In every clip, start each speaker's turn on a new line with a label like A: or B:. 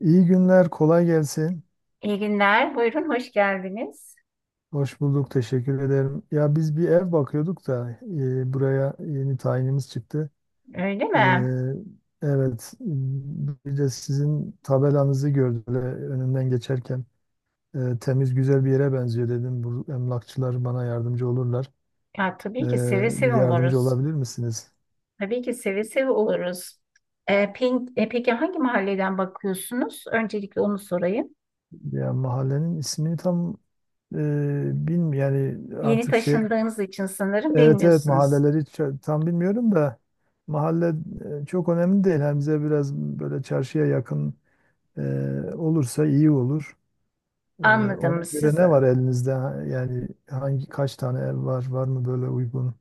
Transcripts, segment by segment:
A: İyi günler, kolay gelsin.
B: İyi günler. Buyurun, hoş geldiniz.
A: Hoş bulduk, teşekkür ederim. Ya biz bir ev bakıyorduk da buraya yeni tayinimiz çıktı.
B: Öyle
A: E,
B: mi?
A: evet, bir de sizin tabelanızı gördüm böyle önümden geçerken. Temiz, güzel bir yere benziyor dedim. Bu emlakçılar bana yardımcı olurlar.
B: Ya,
A: E,
B: tabii ki seve
A: bir
B: seve
A: yardımcı
B: oluruz.
A: olabilir misiniz?
B: Tabii ki seve seve oluruz. Peki hangi mahalleden bakıyorsunuz? Öncelikle onu sorayım.
A: Ya mahallenin ismini tam e, bilmiyorum. Yani
B: Yeni
A: artık şey,
B: taşındığınız için sanırım
A: evet, evet,
B: bilmiyorsunuz.
A: mahalleleri tam bilmiyorum da mahalle çok önemli değil. Hem bize biraz böyle çarşıya yakın e, olursa iyi olur. E, ona
B: Anladım.
A: göre
B: Siz,
A: ne var elinizde? Yani kaç tane ev var? Var mı böyle uygun?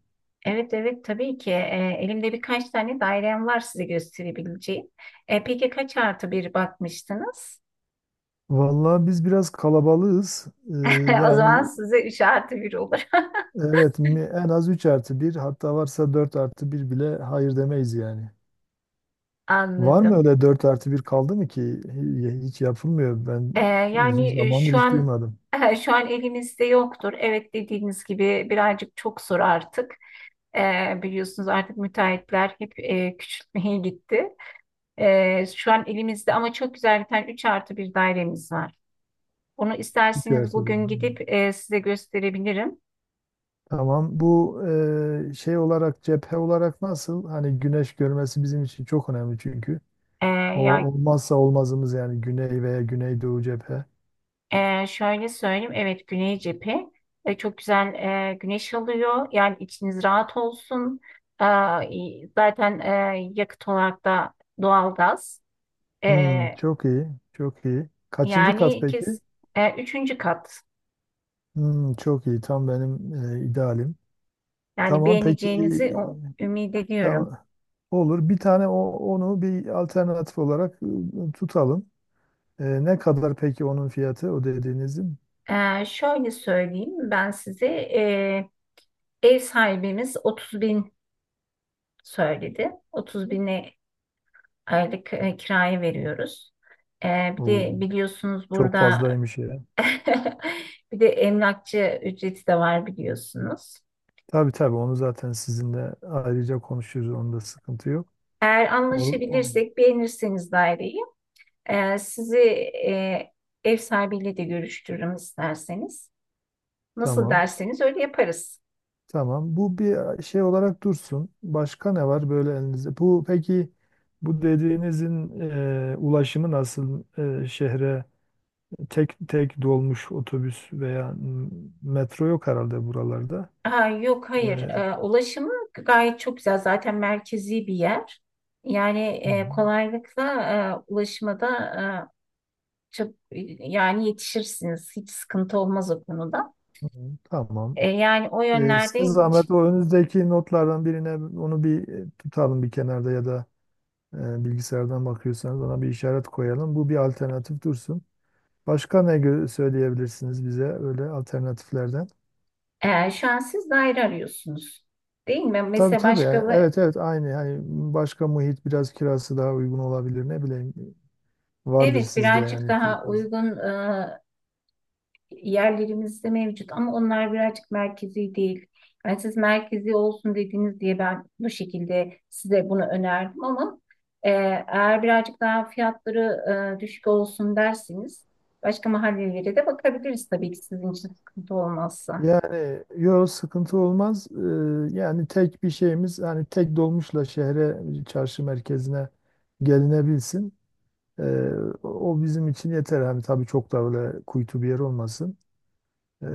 B: evet evet tabii ki. Elimde birkaç tane dairem var, size gösterebileceğim. Peki kaç artı bir bakmıştınız?
A: Vallahi biz biraz kalabalığız. E,
B: O zaman
A: yani
B: size üç artı bir olur.
A: evet en az 3 artı bir, hatta varsa 4 artı bir bile hayır demeyiz yani. Var mı
B: Anladım.
A: öyle, 4 artı bir kaldı mı ki? Hiç yapılmıyor. Ben
B: Ee, Yani
A: uzun
B: şu
A: zamandır hiç
B: an
A: duymadım.
B: şu an elimizde yoktur. Evet, dediğiniz gibi birazcık çok zor artık. Biliyorsunuz artık müteahhitler hep küçültmeye gitti. Şu an elimizde ama çok güzel bir tane 3 artı bir dairemiz var. Onu
A: Üç
B: isterseniz
A: artı bir.
B: bugün gidip size gösterebilirim.
A: Tamam. Bu e, şey olarak cephe olarak nasıl? Hani güneş görmesi bizim için çok önemli çünkü. O
B: Ya,
A: olmazsa olmazımız, yani güney veya güneydoğu cephe.
B: Şöyle söyleyeyim, evet, güney cephe. Çok güzel güneş alıyor. Yani içiniz rahat olsun. Ee, Zaten yakıt olarak da doğalgaz.
A: Hmm,
B: Ee,
A: çok iyi. Çok iyi. Kaçıncı kat
B: Yani
A: peki?
B: üçüncü kat.
A: Hmm, çok iyi. Tam benim idealim.
B: Yani
A: Tamam peki.
B: beğeneceğinizi ümit ediyorum.
A: Tamam. Olur. Bir tane onu bir alternatif olarak tutalım. Ne kadar peki onun fiyatı, o dediğinizin?
B: Şöyle söyleyeyim, ben size e, ev sahibimiz 30 bin söyledi. 30 bine aylık kiraya veriyoruz. Bir
A: Oo.
B: de biliyorsunuz
A: Çok
B: burada
A: fazlaymış ya.
B: bir de emlakçı ücreti de var, biliyorsunuz.
A: Tabii tabii, onu zaten sizinle ayrıca konuşuruz. Onda sıkıntı yok.
B: Eğer
A: O, o-
B: anlaşabilirsek, beğenirseniz daireyi, sizi ev sahibiyle de görüştürürüm isterseniz. Nasıl
A: Tamam.
B: derseniz öyle yaparız.
A: Tamam. Bu bir şey olarak dursun. Başka ne var böyle elinizde? Peki bu dediğinizin ulaşımı nasıl? Şehre tek tek dolmuş, otobüs veya metro yok herhalde buralarda.
B: Ha, yok,
A: E,
B: hayır. Ulaşımı gayet çok güzel. Zaten merkezi bir yer. Yani
A: hı
B: kolaylıkla ulaşıma da e, çok, yani yetişirsiniz. Hiç sıkıntı olmaz o konuda.
A: hı, tamam. Tamam.
B: Yani o
A: E,
B: yönlerde.
A: size zahmet o önünüzdeki notlardan birine onu bir tutalım bir kenarda, ya da bilgisayardan bakıyorsanız ona bir işaret koyalım. Bu bir alternatif dursun. Başka ne söyleyebilirsiniz bize öyle alternatiflerden?
B: Şu an siz daire arıyorsunuz, değil mi?
A: Tabii
B: Mesela
A: tabii. Yani evet, evet, aynı. Hani başka muhit biraz kirası daha uygun olabilir. Ne bileyim, vardır
B: evet,
A: sizde
B: birazcık
A: yani, çok
B: daha
A: fazla.
B: uygun yerlerimizde mevcut ama onlar birazcık merkezi değil. Yani siz merkezi olsun dediğiniz diye ben bu şekilde size bunu önerdim ama e, eğer birazcık daha fiyatları düşük olsun derseniz başka mahallelere de bakabiliriz tabii ki, sizin için sıkıntı olmazsa.
A: Yani yok, sıkıntı olmaz. Yani tek bir şeyimiz, hani tek dolmuşla şehre, çarşı merkezine gelinebilsin. Ee, o bizim için yeter. Hani tabii çok da öyle kuytu bir yer olmasın. Ee,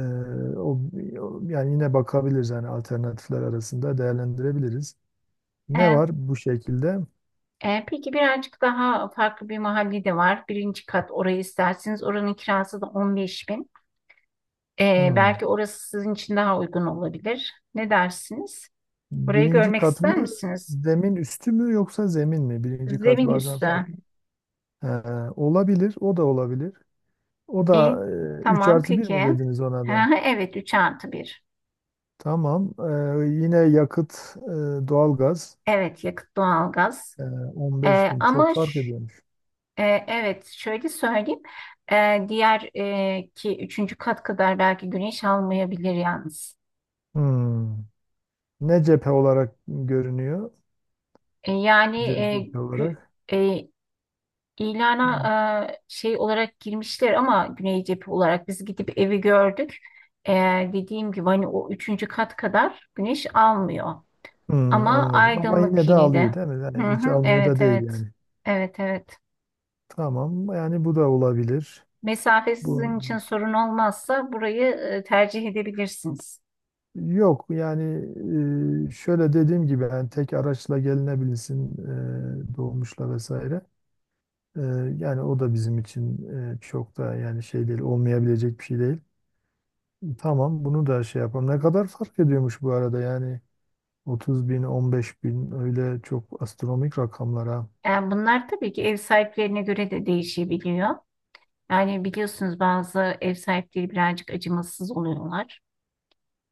A: o, Yani yine bakabiliriz, hani alternatifler arasında değerlendirebiliriz. Ne var bu şekilde?
B: Peki birazcık daha farklı bir mahalle de var. Birinci kat, orayı isterseniz oranın kirası da 15 bin.
A: Hmm.
B: Belki orası sizin için daha uygun olabilir. Ne dersiniz? Orayı
A: Birinci
B: görmek
A: kat
B: ister
A: mı,
B: misiniz?
A: zemin üstü mü, yoksa zemin mi? Birinci kat
B: Zemin
A: bazen
B: üstü.
A: farklı. Ee, olabilir, o da olabilir. O
B: İyi.
A: da 3
B: Tamam
A: artı bir mi
B: peki.
A: dediniz ona
B: Ha,
A: da?
B: evet, 3 artı 1.
A: Tamam. Yine yakıt, doğalgaz.
B: Evet, yakıt doğalgaz.
A: Ee, 15 bin çok
B: Ama
A: fark ediyormuş.
B: evet, şöyle söyleyeyim. Diğer ki üçüncü kat kadar belki güneş almayabilir yalnız.
A: Hmm. Ne cephe olarak görünüyor?
B: Yani
A: Cephe olarak.
B: e, İlana şey olarak girmişler ama güney cephe olarak biz gidip evi gördük. E, Dediğim gibi hani o üçüncü kat kadar güneş almıyor.
A: Hmm,
B: Ama
A: anladım. Ama
B: aydınlık
A: yine de
B: yine
A: alıyor
B: de.
A: değil mi?
B: Hı
A: Yani hiç
B: hı,
A: almıyor da
B: evet
A: değil
B: evet.
A: yani.
B: Evet evet.
A: Tamam. Yani bu da olabilir.
B: Mesafe
A: Bu
B: sizin için sorun olmazsa burayı tercih edebilirsiniz.
A: Yok yani şöyle dediğim gibi, yani tek araçla gelinebilsin dolmuşla vesaire. E, yani o da bizim için çok da, yani şey değil, olmayabilecek bir şey değil. Tamam, bunu da şey yapalım. Ne kadar fark ediyormuş bu arada yani, 30 bin, 15 bin, öyle çok astronomik rakamlara.
B: Yani bunlar tabii ki ev sahiplerine göre de değişebiliyor. Yani biliyorsunuz bazı ev sahipleri birazcık acımasız oluyorlar.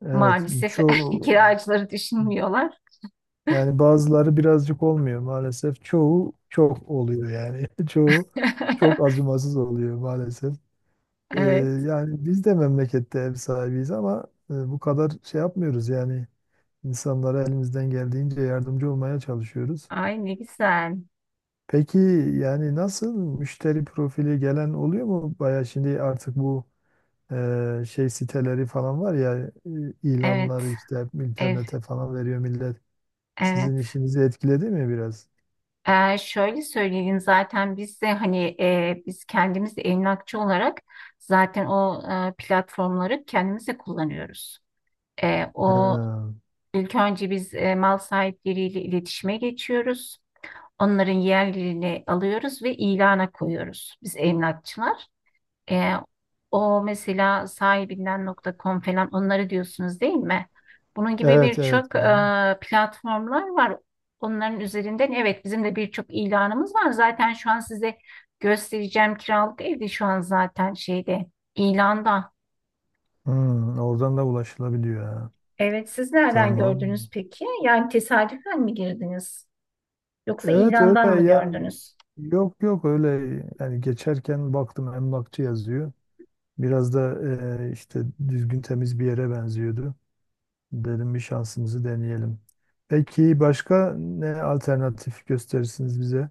A: Evet,
B: Maalesef
A: çoğu
B: kiracıları düşünmüyorlar.
A: yani, bazıları birazcık olmuyor maalesef, çoğu çok oluyor yani çoğu çok acımasız oluyor maalesef. Ee,
B: Evet.
A: Yani biz de memlekette ev sahibiyiz ama bu kadar şey yapmıyoruz yani, insanlara elimizden geldiğince yardımcı olmaya çalışıyoruz.
B: Ay ne güzel.
A: Peki, yani nasıl, müşteri profili gelen oluyor mu? Baya şimdi artık bu şey siteleri falan var ya,
B: Evet.
A: ilanları işte
B: Ev.
A: internete falan veriyor millet. Sizin
B: Evet.
A: işinizi etkiledi mi biraz?
B: Şöyle söyleyeyim, zaten biz de hani biz kendimiz de emlakçı olarak zaten o platformları kendimiz de kullanıyoruz.
A: Ha,
B: O, ilk önce biz mal sahipleriyle iletişime geçiyoruz. Onların yerlerini alıyoruz ve ilana koyuyoruz biz emlakçılar. Ee, O mesela sahibinden.com falan, onları diyorsunuz, değil mi? Bunun gibi
A: evet, evet.
B: birçok platformlar var. Onların üzerinden, evet, bizim de birçok ilanımız var. Zaten şu an size göstereceğim kiralık evde şu an zaten şeyde, ilanda.
A: Hmm, oradan da ulaşılabiliyor ha.
B: Evet, siz nereden
A: Tamam.
B: gördünüz peki? Yani tesadüfen mi girdiniz? Yoksa
A: Evet
B: ilandan
A: öyle
B: mı
A: yani,
B: gördünüz?
A: yok yok öyle, yani geçerken baktım emlakçı yazıyor. Biraz da işte düzgün, temiz bir yere benziyordu. Dedim bir şansımızı deneyelim. Peki başka ne alternatif gösterirsiniz bize?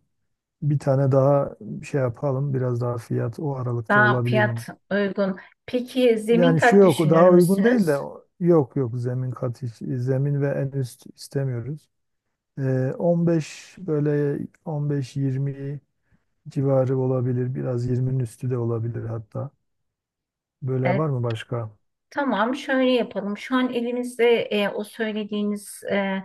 A: Bir tane daha şey yapalım, biraz daha fiyat o aralıkta
B: Daha
A: olabilir yine.
B: fiyat uygun. Peki zemin
A: Yani
B: kat
A: yok, o
B: düşünür
A: daha uygun değil
B: müsünüz?
A: de yok yok, zemin kat zemin ve en üst istemiyoruz. 15 böyle, 15-20 civarı olabilir. Biraz 20'nin üstü de olabilir hatta. Böyle
B: E,
A: var mı başka?
B: tamam, şöyle yapalım. Şu an elimizde o söylediğiniz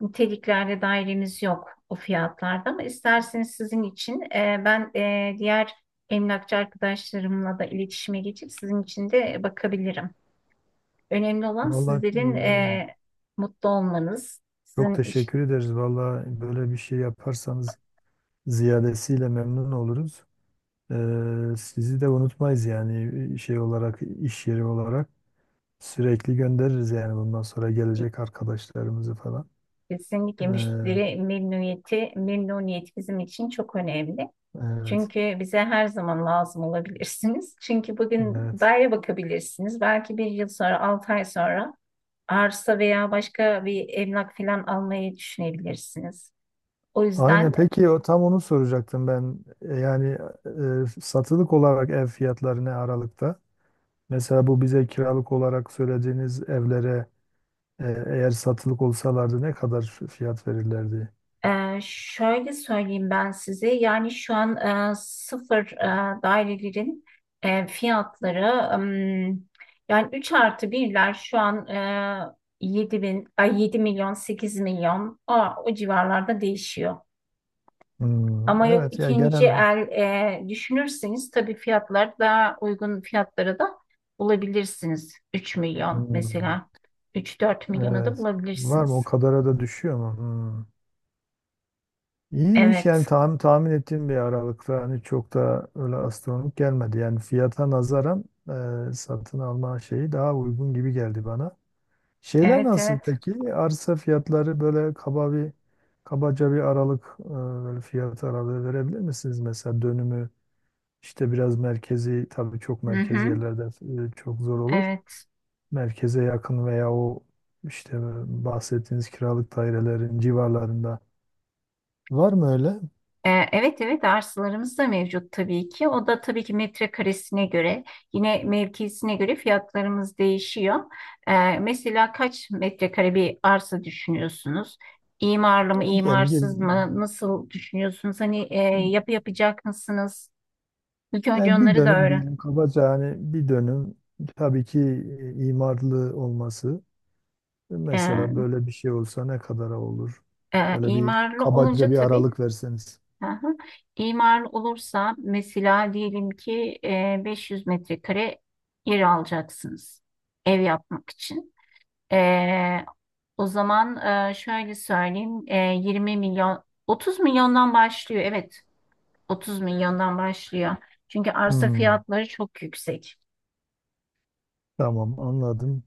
B: niteliklerde dairemiz yok o fiyatlarda ama isterseniz sizin için ben diğer emlakçı arkadaşlarımla da iletişime geçip sizin için de bakabilirim. Önemli olan
A: Vallahi
B: sizlerin mutlu olmanız,
A: çok teşekkür ederiz. Vallahi böyle bir şey yaparsanız ziyadesiyle memnun oluruz. Sizi de unutmayız, yani şey olarak, iş yeri olarak, sürekli göndeririz yani bundan sonra gelecek arkadaşlarımızı falan.
B: kesinlikle
A: E,
B: müşteri memnuniyeti, memnuniyet bizim için çok önemli.
A: evet,
B: Çünkü bize her zaman lazım olabilirsiniz. Çünkü bugün
A: evet.
B: daire bakabilirsiniz. Belki bir yıl sonra, 6 ay sonra arsa veya başka bir emlak falan almayı düşünebilirsiniz. O
A: Aynen,
B: yüzden
A: peki o tam onu soracaktım ben. Yani satılık olarak ev fiyatları ne aralıkta? Mesela bu bize kiralık olarak söylediğiniz evlere eğer satılık olsalardı ne kadar fiyat verirlerdi?
B: şöyle söyleyeyim ben size, yani şu an sıfır dairelerin fiyatları, ım, yani 3 artı birler şu an 7 bin, ay 7 milyon, 8 milyon, o civarlarda değişiyor.
A: Hmm,
B: Ama yok,
A: evet ya,
B: ikinci
A: genel.
B: el düşünürseniz tabii fiyatlar daha uygun fiyatlara da bulabilirsiniz. 3 milyon
A: Hmm,
B: mesela. 3-4 milyona da
A: evet, var mı o
B: bulabilirsiniz.
A: kadara da düşüyor mu? Hmm. İyiymiş yani,
B: Evet.
A: tahmin ettiğim bir aralıkta, hani çok da öyle astronomik gelmedi. Yani fiyata nazaran satın alma şeyi daha uygun gibi geldi bana. Şeyler
B: Evet
A: nasıl
B: evet.
A: peki? Arsa fiyatları böyle kabaca bir aralık, böyle fiyat aralığı verebilir misiniz? Mesela dönümü işte, biraz merkezi tabii, çok
B: Hı
A: merkezi
B: hı.
A: yerlerde çok zor olur.
B: Evet.
A: Merkeze yakın veya o işte bahsettiğiniz kiralık dairelerin civarlarında var mı öyle?
B: Evet evet, arsalarımız da mevcut tabii ki. O da tabii ki metrekaresine göre, yine mevkisine göre fiyatlarımız değişiyor. Mesela kaç metrekare bir arsa düşünüyorsunuz? İmarlı mı,
A: Yani diyelim ki
B: imarsız mı? Nasıl düşünüyorsunuz? Hani yapı yapacak mısınız? İlk önce
A: Yani bir
B: onları da
A: dönüm
B: öğren.
A: diyelim kabaca, hani bir dönüm, tabii ki imarlı olması. Mesela
B: Ee,
A: böyle bir şey olsa ne kadara olur? Böyle bir
B: imarlı
A: kabaca
B: olunca
A: bir
B: tabii.
A: aralık verseniz.
B: Aha. İmarlı olursa mesela diyelim ki 500 metrekare yer alacaksınız ev yapmak için. Ee, O zaman şöyle söyleyeyim. 20 milyon, 30 milyondan başlıyor. Evet, 30 milyondan başlıyor. Çünkü arsa
A: Hmm,
B: fiyatları çok yüksek.
A: tamam, anladım.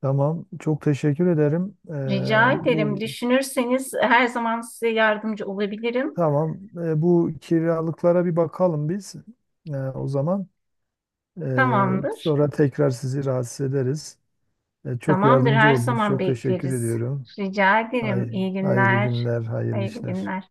A: Tamam, çok teşekkür ederim.
B: Rica ederim.
A: Bu
B: Düşünürseniz her zaman size yardımcı olabilirim.
A: Tamam, bu kiralıklara bir bakalım biz. O zaman,
B: Tamamdır.
A: sonra tekrar sizi rahatsız ederiz. Çok
B: Tamamdır.
A: yardımcı
B: Her
A: oldunuz.
B: zaman
A: Çok teşekkür
B: bekleriz.
A: ediyorum.
B: Rica ederim.
A: Hay-
B: İyi
A: Hayırlı
B: günler.
A: günler, hayırlı
B: Hayırlı
A: işler.
B: günler.